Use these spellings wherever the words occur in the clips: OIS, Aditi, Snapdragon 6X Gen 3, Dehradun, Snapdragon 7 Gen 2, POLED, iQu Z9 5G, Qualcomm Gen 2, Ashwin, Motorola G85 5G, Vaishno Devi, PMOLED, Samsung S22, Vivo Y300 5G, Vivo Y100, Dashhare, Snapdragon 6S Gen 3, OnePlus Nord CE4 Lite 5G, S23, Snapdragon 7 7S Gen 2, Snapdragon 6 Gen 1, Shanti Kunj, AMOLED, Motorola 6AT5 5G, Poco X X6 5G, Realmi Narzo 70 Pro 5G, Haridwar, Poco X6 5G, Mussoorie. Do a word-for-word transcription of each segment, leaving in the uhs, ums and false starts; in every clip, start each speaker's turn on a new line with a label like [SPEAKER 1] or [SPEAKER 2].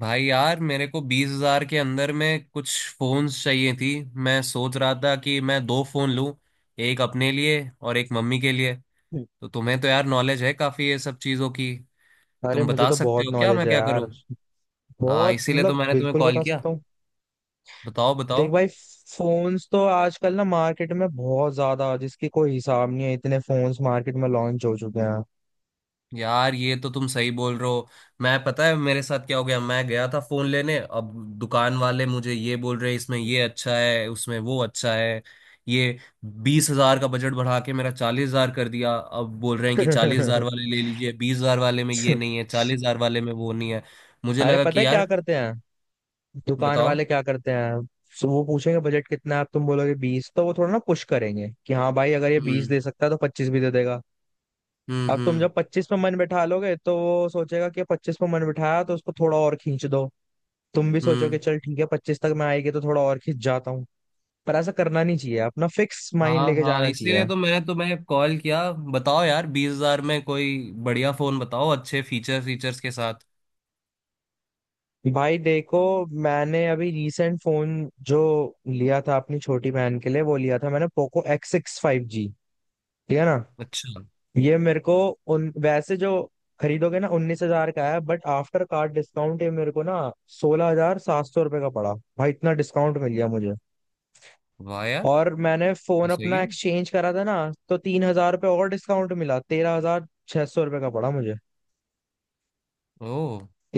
[SPEAKER 1] भाई यार मेरे को बीस हजार के अंदर में कुछ फोन्स चाहिए थी। मैं सोच रहा था कि मैं दो फोन लूं, एक अपने लिए और एक मम्मी के लिए। तो तुम्हें तो यार नॉलेज है काफी ये सब चीजों की।
[SPEAKER 2] अरे
[SPEAKER 1] तुम
[SPEAKER 2] मुझे
[SPEAKER 1] बता
[SPEAKER 2] तो
[SPEAKER 1] सकते
[SPEAKER 2] बहुत
[SPEAKER 1] हो क्या
[SPEAKER 2] नॉलेज
[SPEAKER 1] मैं
[SPEAKER 2] है
[SPEAKER 1] क्या
[SPEAKER 2] यार।
[SPEAKER 1] करूं। हाँ,
[SPEAKER 2] बहुत
[SPEAKER 1] इसीलिए तो
[SPEAKER 2] मतलब
[SPEAKER 1] मैंने तुम्हें
[SPEAKER 2] बिल्कुल
[SPEAKER 1] कॉल
[SPEAKER 2] बता
[SPEAKER 1] किया।
[SPEAKER 2] सकता हूँ।
[SPEAKER 1] बताओ,
[SPEAKER 2] देख
[SPEAKER 1] बताओ।
[SPEAKER 2] भाई, फोन्स तो आजकल ना मार्केट में बहुत ज्यादा, जिसकी कोई हिसाब नहीं है, इतने फोन्स मार्केट में लॉन्च हो चुके हैं।
[SPEAKER 1] यार ये तो तुम सही बोल रहे हो। मैं पता है मेरे साथ क्या हो गया, मैं गया था फोन लेने। अब दुकान वाले मुझे ये बोल रहे इसमें ये अच्छा है, उसमें वो अच्छा है। ये बीस हजार का बजट बढ़ा के मेरा चालीस हजार कर दिया। अब बोल रहे हैं कि चालीस हजार वाले ले लीजिए, बीस हजार वाले में ये नहीं है, चालीस हजार वाले में वो नहीं है। मुझे
[SPEAKER 2] अरे
[SPEAKER 1] लगा
[SPEAKER 2] पता
[SPEAKER 1] कि
[SPEAKER 2] है क्या
[SPEAKER 1] यार।
[SPEAKER 2] करते हैं दुकान
[SPEAKER 1] बताओ।
[SPEAKER 2] वाले, क्या करते हैं। सो वो पूछेंगे बजट कितना है। अब तुम बोलोगे बीस, तो वो थोड़ा ना पुश करेंगे कि हाँ भाई, अगर ये बीस
[SPEAKER 1] हम्म।
[SPEAKER 2] दे सकता है तो पच्चीस भी दे देगा।
[SPEAKER 1] हम्म।
[SPEAKER 2] अब तुम
[SPEAKER 1] हम्म।
[SPEAKER 2] जब पच्चीस पे मन बैठा लोगे, तो वो सोचेगा कि पच्चीस पे मन बिठाया तो उसको थोड़ा और खींच दो। तुम भी सोचो कि
[SPEAKER 1] हम्म।
[SPEAKER 2] चल ठीक है पच्चीस तक मैं आएगी तो थोड़ा और खिंच जाता हूँ। पर ऐसा करना नहीं चाहिए, अपना फिक्स माइंड
[SPEAKER 1] हाँ
[SPEAKER 2] लेके
[SPEAKER 1] हाँ,
[SPEAKER 2] जाना चाहिए।
[SPEAKER 1] इसीलिए तो मैं तुम्हें कॉल किया। बताओ यार, बीस हजार में कोई बढ़िया फोन बताओ अच्छे फीचर फीचर्स के साथ।
[SPEAKER 2] भाई देखो, मैंने अभी रिसेंट फोन जो लिया था अपनी छोटी बहन के लिए, वो लिया था मैंने Poco X six five G. ठीक है ना।
[SPEAKER 1] अच्छा।
[SPEAKER 2] ये मेरे को उन वैसे जो खरीदोगे ना उन्नीस हजार का है, बट आफ्टर कार्ड डिस्काउंट ये मेरे को ना सोलह हजार सात सौ रुपए का पड़ा। भाई इतना डिस्काउंट मिल गया मुझे।
[SPEAKER 1] वाह यार।
[SPEAKER 2] और मैंने
[SPEAKER 1] तो
[SPEAKER 2] फोन
[SPEAKER 1] सही
[SPEAKER 2] अपना
[SPEAKER 1] है।
[SPEAKER 2] एक्सचेंज करा था ना, तो तीन हजार रुपये और डिस्काउंट मिला, तेरह हजार छह सौ रुपये का पड़ा मुझे।
[SPEAKER 1] ओ।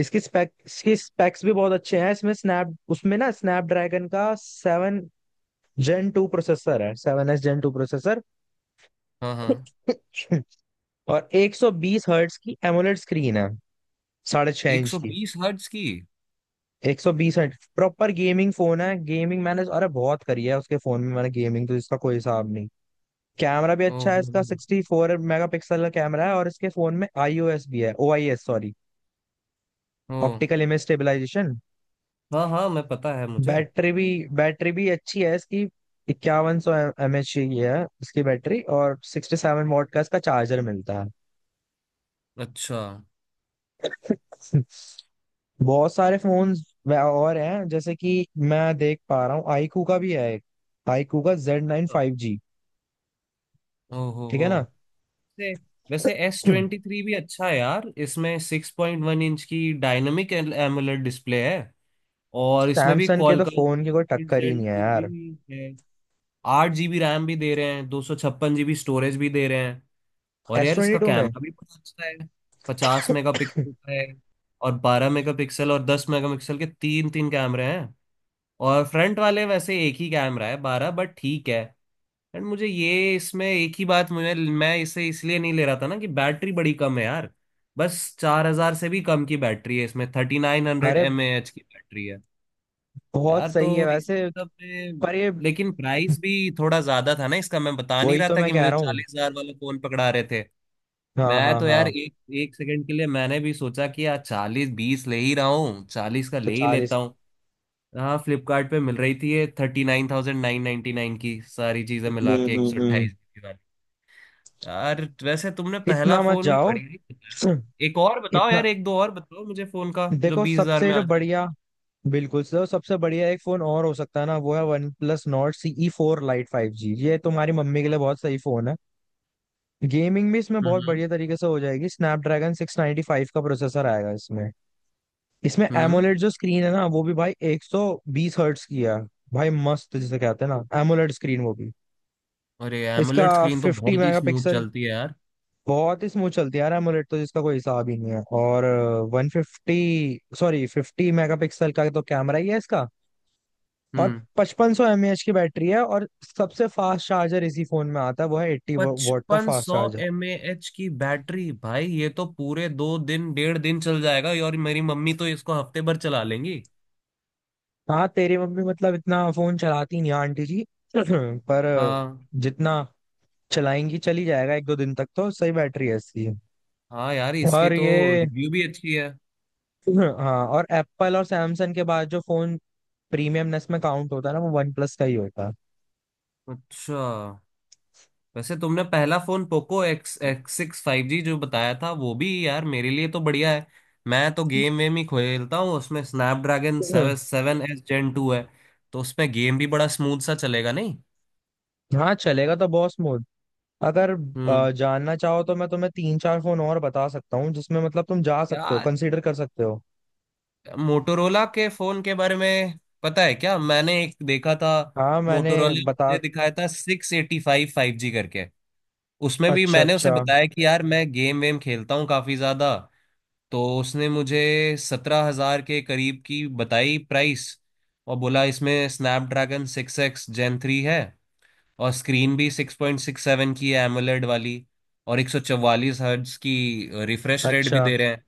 [SPEAKER 2] इसकी स्पेक इसकी स्पेक्स भी बहुत अच्छे हैं। इसमें स्नैप उसमें ना स्नैपड्रैगन का सेवन जेन टू प्रोसेसर है, seven S gen two processor.
[SPEAKER 1] हाँ हाँ।
[SPEAKER 2] और एक सौ बीस हर्ट्स की एमोलेड स्क्रीन है, साढ़े छह
[SPEAKER 1] एक
[SPEAKER 2] इंच
[SPEAKER 1] सौ
[SPEAKER 2] की।
[SPEAKER 1] बीस हर्ट्ज की।
[SPEAKER 2] एक सौ बीस हर्ट, प्रॉपर गेमिंग फोन है। गेमिंग मैंने अरे बहुत करी है उसके फोन में, मैंने गेमिंग तो इसका कोई हिसाब नहीं। कैमरा भी
[SPEAKER 1] ओ
[SPEAKER 2] अच्छा है
[SPEAKER 1] हो
[SPEAKER 2] इसका,
[SPEAKER 1] हो,
[SPEAKER 2] सिक्सटी फोर मेगा पिक्सल का कैमरा है। और इसके फोन में आई ओ एस भी है, ओ आई एस सॉरी,
[SPEAKER 1] हो।
[SPEAKER 2] Optical image stabilisation.
[SPEAKER 1] हाँ हाँ, मैं पता है मुझे।
[SPEAKER 2] बैटरी भी बैटरी भी अच्छी है इसकी। इक्यावन सौ एम एच की है इसकी बैटरी, और सिक्सटी सेवन वॉट का इसका चार्जर मिलता
[SPEAKER 1] अच्छा।
[SPEAKER 2] है। बहुत सारे फोन और हैं जैसे कि मैं देख पा रहा हूँ। आईकू का भी है एक, आईकू का जेड नाइन फाइव जी।
[SPEAKER 1] ओ हो
[SPEAKER 2] ठीक
[SPEAKER 1] हो।
[SPEAKER 2] है ना।
[SPEAKER 1] वैसे वैसे एस ट्वेंटी थ्री भी अच्छा है यार। इसमें सिक्स पॉइंट वन इंच की डायनामिक एमुलेट डिस्प्ले है, और इसमें भी
[SPEAKER 2] सैमसंग के तो
[SPEAKER 1] Qualcomm
[SPEAKER 2] फोन की कोई टक्कर ही
[SPEAKER 1] Gen
[SPEAKER 2] नहीं है
[SPEAKER 1] टू भी
[SPEAKER 2] यार।
[SPEAKER 1] है। आठ जीबी रैम भी दे रहे हैं, दो सौ छप्पन जीबी स्टोरेज भी दे रहे हैं। और
[SPEAKER 2] एस
[SPEAKER 1] यार
[SPEAKER 2] ट्वेंटी
[SPEAKER 1] इसका
[SPEAKER 2] टू में
[SPEAKER 1] कैमरा भी बहुत अच्छा है। पचास मेगापिक्सल का है, और बारह मेगापिक्सल और दस मेगापिक्सल के तीन तीन कैमरे हैं। और फ्रंट वाले वैसे एक ही कैमरा है बारह, बट ठीक है। एंड मुझे ये इसमें एक ही बात, मुझे मैं इसे इसलिए नहीं ले रहा था ना कि बैटरी बड़ी कम है यार। बस चार हजार से भी कम की बैटरी है, इसमें थर्टी नाइन हंड्रेड
[SPEAKER 2] अरे
[SPEAKER 1] एम ए एच की बैटरी है।
[SPEAKER 2] बहुत
[SPEAKER 1] यार तो
[SPEAKER 2] सही है वैसे।
[SPEAKER 1] इसी सब में,
[SPEAKER 2] पर ये,
[SPEAKER 1] लेकिन प्राइस भी थोड़ा ज्यादा था ना इसका, मैं बता नहीं
[SPEAKER 2] वही
[SPEAKER 1] रहा
[SPEAKER 2] तो
[SPEAKER 1] था
[SPEAKER 2] मैं
[SPEAKER 1] कि
[SPEAKER 2] कह
[SPEAKER 1] मुझे
[SPEAKER 2] रहा हूँ।
[SPEAKER 1] चालीस हजार वाला फोन पकड़ा रहे थे।
[SPEAKER 2] हाँ
[SPEAKER 1] मैं
[SPEAKER 2] हाँ
[SPEAKER 1] तो यार
[SPEAKER 2] हाँ।
[SPEAKER 1] एक एक सेकंड के लिए मैंने भी सोचा कि यार चालीस, बीस ले ही रहा हूँ, चालीस का
[SPEAKER 2] तो
[SPEAKER 1] ले ही लेता
[SPEAKER 2] चालीस।
[SPEAKER 1] हूँ। हाँ, फ्लिपकार्ट पे मिल रही थी, ये thirty nine thousand nine ninety nine की सारी चीजें
[SPEAKER 2] हम्म
[SPEAKER 1] मिला के, एक
[SPEAKER 2] हम्म
[SPEAKER 1] सौ
[SPEAKER 2] हम्म।
[SPEAKER 1] अट्ठाईस जीबी वाली। यार वैसे तुमने पहला
[SPEAKER 2] इतना मत
[SPEAKER 1] फोन भी
[SPEAKER 2] जाओ।
[SPEAKER 1] बढ़िया ही बताया।
[SPEAKER 2] हम्म।
[SPEAKER 1] एक और बताओ
[SPEAKER 2] इतना,
[SPEAKER 1] यार, एक दो और बताओ मुझे फोन का जो
[SPEAKER 2] देखो
[SPEAKER 1] बीस हजार
[SPEAKER 2] सबसे
[SPEAKER 1] में
[SPEAKER 2] जो
[SPEAKER 1] आ जाए।
[SPEAKER 2] बढ़िया, बिल्कुल सर, सबसे बढ़िया एक फोन और हो सकता है ना, वो है OnePlus Nord CE four lite five G. ये तुम्हारी मम्मी के लिए बहुत सही फोन है। गेमिंग भी इसमें बहुत
[SPEAKER 1] हम्म।
[SPEAKER 2] बढ़िया तरीके से हो जाएगी। स्नैपड्रैगन सिक्स नाइन्टी फाइव का प्रोसेसर आएगा इसमें। इसमें
[SPEAKER 1] हम्म।
[SPEAKER 2] एमोलेड जो स्क्रीन है ना, वो भी भाई एक सौ बीस हर्ट्स की है। भाई मस्त, जिसे कहते हैं ना एमोलेड स्क्रीन, वो भी।
[SPEAKER 1] अरे
[SPEAKER 2] इसका
[SPEAKER 1] एमुलेट स्क्रीन तो
[SPEAKER 2] फिफ्टी
[SPEAKER 1] बहुत ही स्मूथ
[SPEAKER 2] मेगापिक्सल
[SPEAKER 1] चलती है यार।
[SPEAKER 2] बहुत ही स्मूथ चलती है यार AMOLED तो, जिसका कोई हिसाब ही नहीं है। और one fifty sorry, fifty megapixel का तो कैमरा ही है इसका। और
[SPEAKER 1] हम्म।
[SPEAKER 2] पचपन सौ एम ए एच की बैटरी है। और सबसे फास्ट चार्जर इसी फोन में आता है, वो है एट्टी वॉट का
[SPEAKER 1] पचपन
[SPEAKER 2] फास्ट
[SPEAKER 1] सौ
[SPEAKER 2] चार्जर।
[SPEAKER 1] एम ए एच की बैटरी भाई, ये तो पूरे दो दिन, डेढ़ दिन चल जाएगा, और मेरी मम्मी तो इसको हफ्ते भर चला लेंगी।
[SPEAKER 2] हाँ, तेरी मम्मी मतलब इतना फोन चलाती नहीं है आंटी जी। पर uh,
[SPEAKER 1] हाँ
[SPEAKER 2] जितना चलाएंगी चली जाएगा, एक दो दिन तक तो सही बैटरी है इसकी।
[SPEAKER 1] हाँ। यार इसकी
[SPEAKER 2] और
[SPEAKER 1] तो
[SPEAKER 2] ये
[SPEAKER 1] रिव्यू भी अच्छी है।
[SPEAKER 2] हाँ, और एप्पल और सैमसंग के बाद जो फोन प्रीमियमनेस में काउंट होता है ना, वो वन प्लस का ही होता
[SPEAKER 1] अच्छा। वैसे तुमने पहला phone Poco X X six five G जो बताया था, वो भी यार मेरे लिए तो बढ़िया है। मैं तो गेम वेम ही खेलता हूँ, उसमें स्नैपड्रैगन
[SPEAKER 2] है।
[SPEAKER 1] Seven seven S gen two है। तो उसमें गेम भी बड़ा स्मूथ सा चलेगा नहीं।
[SPEAKER 2] हाँ, चलेगा तो बॉस मोड। अगर
[SPEAKER 1] हम्म।
[SPEAKER 2] अ, जानना चाहो तो मैं तुम्हें तीन चार फोन और बता सकता हूँ, जिसमें मतलब तुम जा सकते हो,
[SPEAKER 1] यार
[SPEAKER 2] कंसीडर कर सकते हो।
[SPEAKER 1] मोटोरोला के फोन के बारे में पता है क्या मैंने एक देखा था।
[SPEAKER 2] हाँ मैंने
[SPEAKER 1] मोटोरोला
[SPEAKER 2] बता
[SPEAKER 1] मुझे दिखाया था six eighty five five G करके। उसमें भी
[SPEAKER 2] अच्छा
[SPEAKER 1] मैंने उसे
[SPEAKER 2] अच्छा
[SPEAKER 1] बताया कि यार मैं गेम वेम खेलता हूँ काफी ज्यादा। तो उसने मुझे सत्रह हजार के करीब की बताई प्राइस। और बोला इसमें Snapdragon six X gen three है। और स्क्रीन भी सिक्स पॉइंट सिक्स सेवन की एमोलेड वाली, और एक सौ चौवालीस हर्ट्ज की रिफ्रेश रेट भी
[SPEAKER 2] अच्छा।
[SPEAKER 1] दे रहे हैं।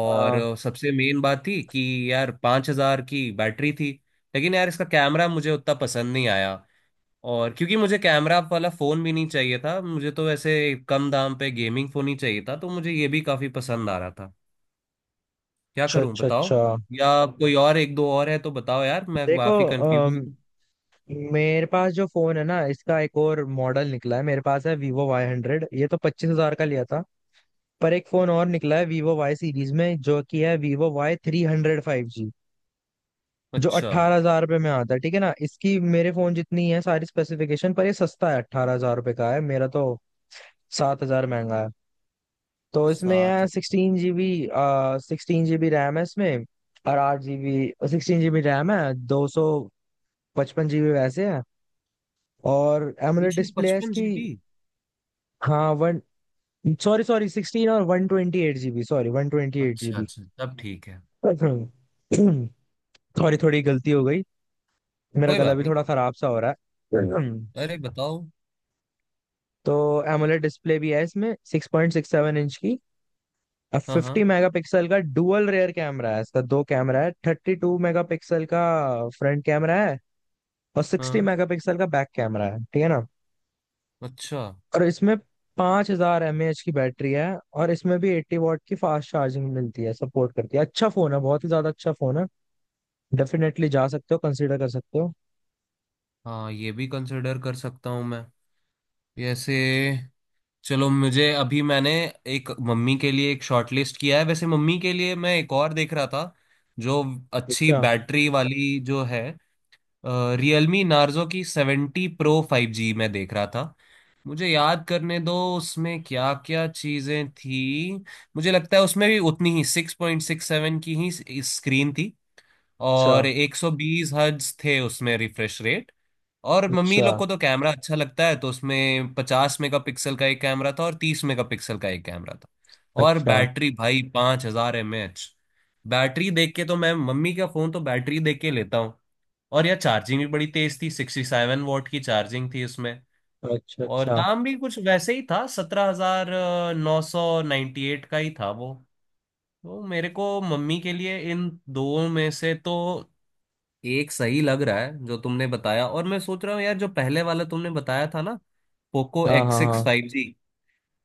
[SPEAKER 1] और
[SPEAKER 2] हाँ,
[SPEAKER 1] अ, सबसे मेन बात थी कि यार पाँच हजार की बैटरी थी। लेकिन यार इसका कैमरा मुझे उतना पसंद नहीं आया, और क्योंकि मुझे कैमरा वाला फ़ोन भी नहीं चाहिए था, मुझे तो ऐसे कम दाम पे गेमिंग फ़ोन ही चाहिए था, तो मुझे ये भी काफ़ी पसंद आ रहा था। क्या
[SPEAKER 2] अच्छा
[SPEAKER 1] करूं
[SPEAKER 2] अच्छा
[SPEAKER 1] बताओ।
[SPEAKER 2] अच्छा।
[SPEAKER 1] या कोई और एक दो और है तो बताओ यार, मैं
[SPEAKER 2] देखो
[SPEAKER 1] काफ़ी कंफ्यूज
[SPEAKER 2] अम,
[SPEAKER 1] हूँ।
[SPEAKER 2] मेरे पास जो फोन है ना, इसका एक और मॉडल निकला है। मेरे पास है वीवो वाई हंड्रेड, ये तो पच्चीस हजार का लिया था। पर एक फोन और निकला है वीवो वाई सीरीज में, जो कि है Vivo Y three hundred five G. जो
[SPEAKER 1] अच्छा।
[SPEAKER 2] अट्ठारह हजार रुपये में आता है, ठीक है ना। इसकी मेरे फोन जितनी है सारी स्पेसिफिकेशन, पर ये सस्ता है, अट्ठारह हजार रुपये का है, मेरा तो सात हजार महंगा है। तो इसमें
[SPEAKER 1] सात।
[SPEAKER 2] है sixteen GB, sixteen GB RAM है इसमें। और आठ जीबी, सिक्सटीन जीबी रैम है, दो सौ पचपन जीबी वैसे है। और
[SPEAKER 1] दो
[SPEAKER 2] एमोलेड
[SPEAKER 1] सौ
[SPEAKER 2] डिस्प्ले है
[SPEAKER 1] पचपन
[SPEAKER 2] इसकी।
[SPEAKER 1] जीबी
[SPEAKER 2] हाँ वन सॉरी, सॉरी सिक्सटीन, और one twenty eight GB, sorry one twenty eight
[SPEAKER 1] अच्छा
[SPEAKER 2] जीबी
[SPEAKER 1] अच्छा, तब ठीक है।
[SPEAKER 2] सॉरी। थोड़ी गलती हो गई, मेरा
[SPEAKER 1] कोई
[SPEAKER 2] गला
[SPEAKER 1] बात
[SPEAKER 2] भी
[SPEAKER 1] नहीं।
[SPEAKER 2] थोड़ा खराब सा हो रहा है।
[SPEAKER 1] अरे बताओ।
[SPEAKER 2] तो एमोलेड डिस्प्ले भी है इसमें, six point six seven inch की। अब
[SPEAKER 1] हाँ
[SPEAKER 2] फिफ्टी
[SPEAKER 1] हाँ
[SPEAKER 2] मेगापिक्सल का डुअल रेयर कैमरा है इसका, दो कैमरा है, थर्टी टू मेगापिक्सल का फ्रंट कैमरा है, और सिक्सटी
[SPEAKER 1] हाँ।
[SPEAKER 2] मेगापिक्सल का बैक कैमरा है। ठीक है ना।
[SPEAKER 1] अच्छा।
[SPEAKER 2] और इसमें पाँच हजार एम ए एच की बैटरी है। और इसमें भी एट्टी वॉट की फास्ट चार्जिंग मिलती है, सपोर्ट करती है। अच्छा फोन है, बहुत ही ज्यादा अच्छा फोन है, डेफिनेटली जा सकते हो, कंसिडर कर सकते हो।
[SPEAKER 1] हाँ, ये भी कंसिडर कर सकता हूँ मैं। जैसे, चलो मुझे अभी, मैंने एक मम्मी के लिए एक शॉर्ट लिस्ट किया है। वैसे मम्मी के लिए मैं एक और देख रहा था जो अच्छी
[SPEAKER 2] अच्छा
[SPEAKER 1] बैटरी वाली जो है, रियलमी नार्जो की सेवेंटी प्रो फाइव जी मैं देख रहा था। मुझे याद करने दो उसमें क्या क्या चीजें थी। मुझे लगता है उसमें भी उतनी ही सिक्स पॉइंट सिक्स सेवन की ही स्क्रीन थी।
[SPEAKER 2] अच्छा
[SPEAKER 1] और एक सौ बीस हर्ट्ज थे उसमें रिफ्रेश रेट। और मम्मी
[SPEAKER 2] अच्छा।
[SPEAKER 1] लोग को तो कैमरा अच्छा लगता है, तो उसमें पचास मेगापिक्सल का एक कैमरा था और तीस मेगापिक्सल का एक कैमरा था। और
[SPEAKER 2] अच्छा
[SPEAKER 1] बैटरी भाई पांच हजार एम एच। बैटरी देख के तो, मैं मम्मी का फोन तो बैटरी देख के लेता हूँ। और यह चार्जिंग भी बड़ी तेज थी, सिक्सटी सेवन वॉट की चार्जिंग थी उसमें।
[SPEAKER 2] अच्छा
[SPEAKER 1] और
[SPEAKER 2] अच्छा।
[SPEAKER 1] दाम भी कुछ वैसे ही था, सत्रह हजार नौ सौ नाइन्टी एट का ही था वो। तो मेरे को मम्मी के लिए इन दो में से तो एक सही लग रहा है जो तुमने बताया। और मैं सोच रहा हूँ यार जो पहले वाला तुमने बताया था ना, पोको
[SPEAKER 2] हाँ
[SPEAKER 1] एक्स
[SPEAKER 2] हाँ
[SPEAKER 1] सिक्स
[SPEAKER 2] हाँ।
[SPEAKER 1] फाइव जी,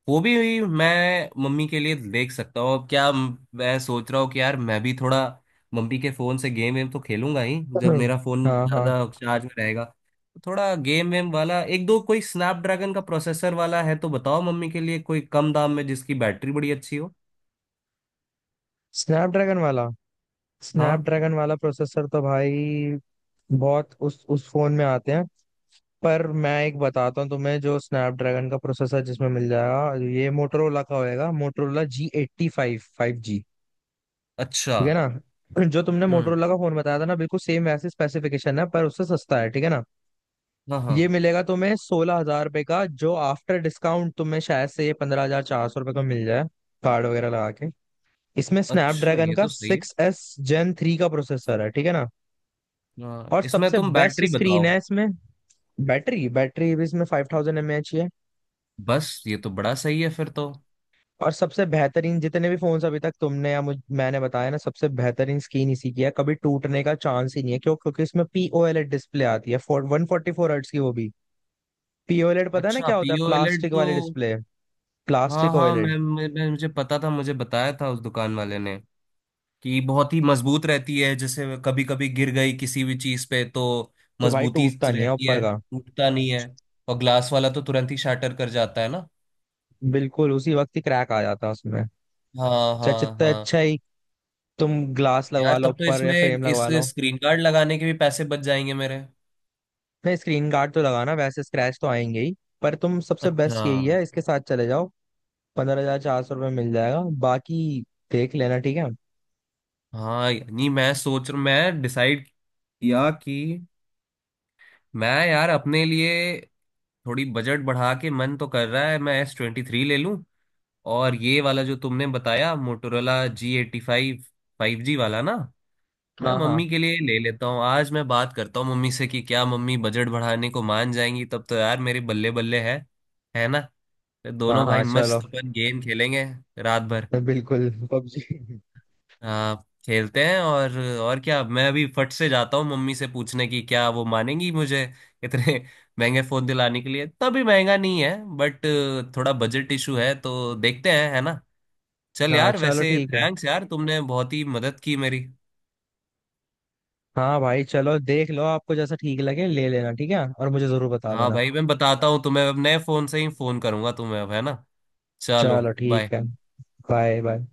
[SPEAKER 1] वो भी मैं मम्मी के लिए देख सकता हूँ। अब क्या म- मैं सोच रहा हूँ कि यार मैं भी थोड़ा मम्मी के फोन से गेम वेम तो खेलूंगा ही, जब मेरा फोन
[SPEAKER 2] हाँ हाँ।
[SPEAKER 1] ज्यादा चार्ज में रहेगा, तो थोड़ा गेम वेम वाला एक दो कोई स्नैपड्रैगन का प्रोसेसर वाला है तो बताओ, मम्मी के लिए कोई कम दाम में जिसकी बैटरी बड़ी अच्छी हो।
[SPEAKER 2] स्नैपड्रैगन वाला
[SPEAKER 1] हाँ।
[SPEAKER 2] स्नैपड्रैगन वाला प्रोसेसर तो भाई बहुत उस उस फोन में आते हैं। पर मैं एक बताता हूँ तुम्हें, जो स्नैपड्रैगन का प्रोसेसर जिसमें मिल जाएगा, ये मोटरोला का होएगा, Motorola G eighty five five G.
[SPEAKER 1] अच्छा।
[SPEAKER 2] ठीक है ना। जो तुमने
[SPEAKER 1] हम्म।
[SPEAKER 2] मोटरोला का फोन बताया था ना, बिल्कुल सेम वैसे स्पेसिफिकेशन है, पर उससे सस्ता है। ठीक है ना।
[SPEAKER 1] हाँ हाँ।
[SPEAKER 2] ये मिलेगा तुम्हें सोलह हजार रुपये का, जो आफ्टर डिस्काउंट तुम्हें शायद से ये पंद्रह हजार चार सौ रुपये का मिल जाए कार्ड वगैरह लगा के। इसमें
[SPEAKER 1] अच्छा,
[SPEAKER 2] स्नैपड्रैगन
[SPEAKER 1] ये
[SPEAKER 2] का
[SPEAKER 1] तो सही है।
[SPEAKER 2] सिक्स एस जेन थ्री का प्रोसेसर है, ठीक है ना।
[SPEAKER 1] हाँ,
[SPEAKER 2] और
[SPEAKER 1] इसमें
[SPEAKER 2] सबसे
[SPEAKER 1] तुम
[SPEAKER 2] बेस्ट
[SPEAKER 1] बैटरी
[SPEAKER 2] स्क्रीन
[SPEAKER 1] बताओ।
[SPEAKER 2] है इसमें। बैटरी बैटरी भी इसमें फाइव थाउजेंड एम एच है।
[SPEAKER 1] बस ये तो बड़ा सही है फिर तो।
[SPEAKER 2] और सबसे बेहतरीन, जितने भी फोन्स अभी तक तुमने या मुझ मैंने बताया ना, सबसे बेहतरीन स्क्रीन इसी की है। कभी टूटने का चांस ही नहीं है। क्यों? क्योंकि इसमें P O L E D display आती है, four one forty four hertz की, वो भी। पीओएलईडी पता है ना
[SPEAKER 1] अच्छा,
[SPEAKER 2] क्या होता है?
[SPEAKER 1] पीओएलएड
[SPEAKER 2] प्लास्टिक
[SPEAKER 1] तो।
[SPEAKER 2] वाली डिस्प्ले,
[SPEAKER 1] हाँ
[SPEAKER 2] प्लास्टिक
[SPEAKER 1] हाँ,
[SPEAKER 2] ओ एल ई डी।
[SPEAKER 1] मैं, मैं, मैं मुझे पता था, मुझे बताया था उस दुकान वाले ने कि बहुत ही मजबूत रहती है, जैसे कभी कभी गिर गई किसी भी चीज पे तो
[SPEAKER 2] तो भाई
[SPEAKER 1] मजबूती
[SPEAKER 2] टूटता नहीं है
[SPEAKER 1] रहती
[SPEAKER 2] ऊपर
[SPEAKER 1] है,
[SPEAKER 2] का।
[SPEAKER 1] टूटता नहीं है। और ग्लास वाला तो तुरंत ही शाटर कर जाता है ना।
[SPEAKER 2] बिल्कुल उसी वक्त ही क्रैक आ जाता है उसमें,
[SPEAKER 1] हाँ
[SPEAKER 2] चाहे
[SPEAKER 1] हाँ
[SPEAKER 2] जितना
[SPEAKER 1] हाँ।
[SPEAKER 2] अच्छा ही तुम ग्लास लगवा
[SPEAKER 1] यार
[SPEAKER 2] लो
[SPEAKER 1] तब तो
[SPEAKER 2] ऊपर, या
[SPEAKER 1] इसमें
[SPEAKER 2] फ्रेम
[SPEAKER 1] इस
[SPEAKER 2] लगवा लो।
[SPEAKER 1] स्क्रीन गार्ड लगाने के भी पैसे बच जाएंगे मेरे।
[SPEAKER 2] नहीं, स्क्रीन गार्ड तो लगाना, वैसे स्क्रैच तो आएंगे ही। पर तुम, सबसे बेस्ट
[SPEAKER 1] अच्छा।
[SPEAKER 2] यही है, इसके साथ चले जाओ। पंद्रह हजार चार सौ रुपये मिल जाएगा। बाकी देख लेना, ठीक है।
[SPEAKER 1] हाँ नहीं, मैं सोच रहा मैं डिसाइड किया कि मैं यार अपने लिए थोड़ी बजट बढ़ा के मन तो कर रहा है, मैं एस ट्वेंटी थ्री ले लूं। और ये वाला जो तुमने बताया Motorola G eighty five five G वाला ना, मैं
[SPEAKER 2] हाँ हाँ
[SPEAKER 1] मम्मी के लिए ले लेता हूँ। आज मैं बात करता हूँ मम्मी से कि क्या मम्मी बजट बढ़ाने को मान जाएंगी, तब तो यार मेरे बल्ले बल्ले है है ना। फिर
[SPEAKER 2] हाँ।
[SPEAKER 1] दोनों भाई
[SPEAKER 2] हाँ चलो,
[SPEAKER 1] मस्त अपन गेम खेलेंगे रात भर।
[SPEAKER 2] बिल्कुल पबजी।
[SPEAKER 1] हाँ, खेलते हैं और और क्या, मैं अभी फट से जाता हूँ मम्मी से पूछने की क्या वो मानेंगी मुझे इतने महंगे फोन दिलाने के लिए। इतना भी महंगा नहीं है बट थोड़ा बजट इशू है, तो देखते हैं है ना। चल
[SPEAKER 2] हाँ
[SPEAKER 1] यार,
[SPEAKER 2] चलो
[SPEAKER 1] वैसे
[SPEAKER 2] ठीक है।
[SPEAKER 1] थैंक्स यार तुमने बहुत ही मदद की मेरी।
[SPEAKER 2] हाँ भाई चलो, देख लो, आपको जैसा ठीक लगे ले लेना, ठीक है। और मुझे जरूर बता
[SPEAKER 1] हाँ
[SPEAKER 2] देना।
[SPEAKER 1] भाई मैं बताता हूँ तुम्हें, अब नए फोन से ही फोन करूंगा तुम्हें, अब है ना। चलो।
[SPEAKER 2] चलो
[SPEAKER 1] बाय।
[SPEAKER 2] ठीक है। Bye bye.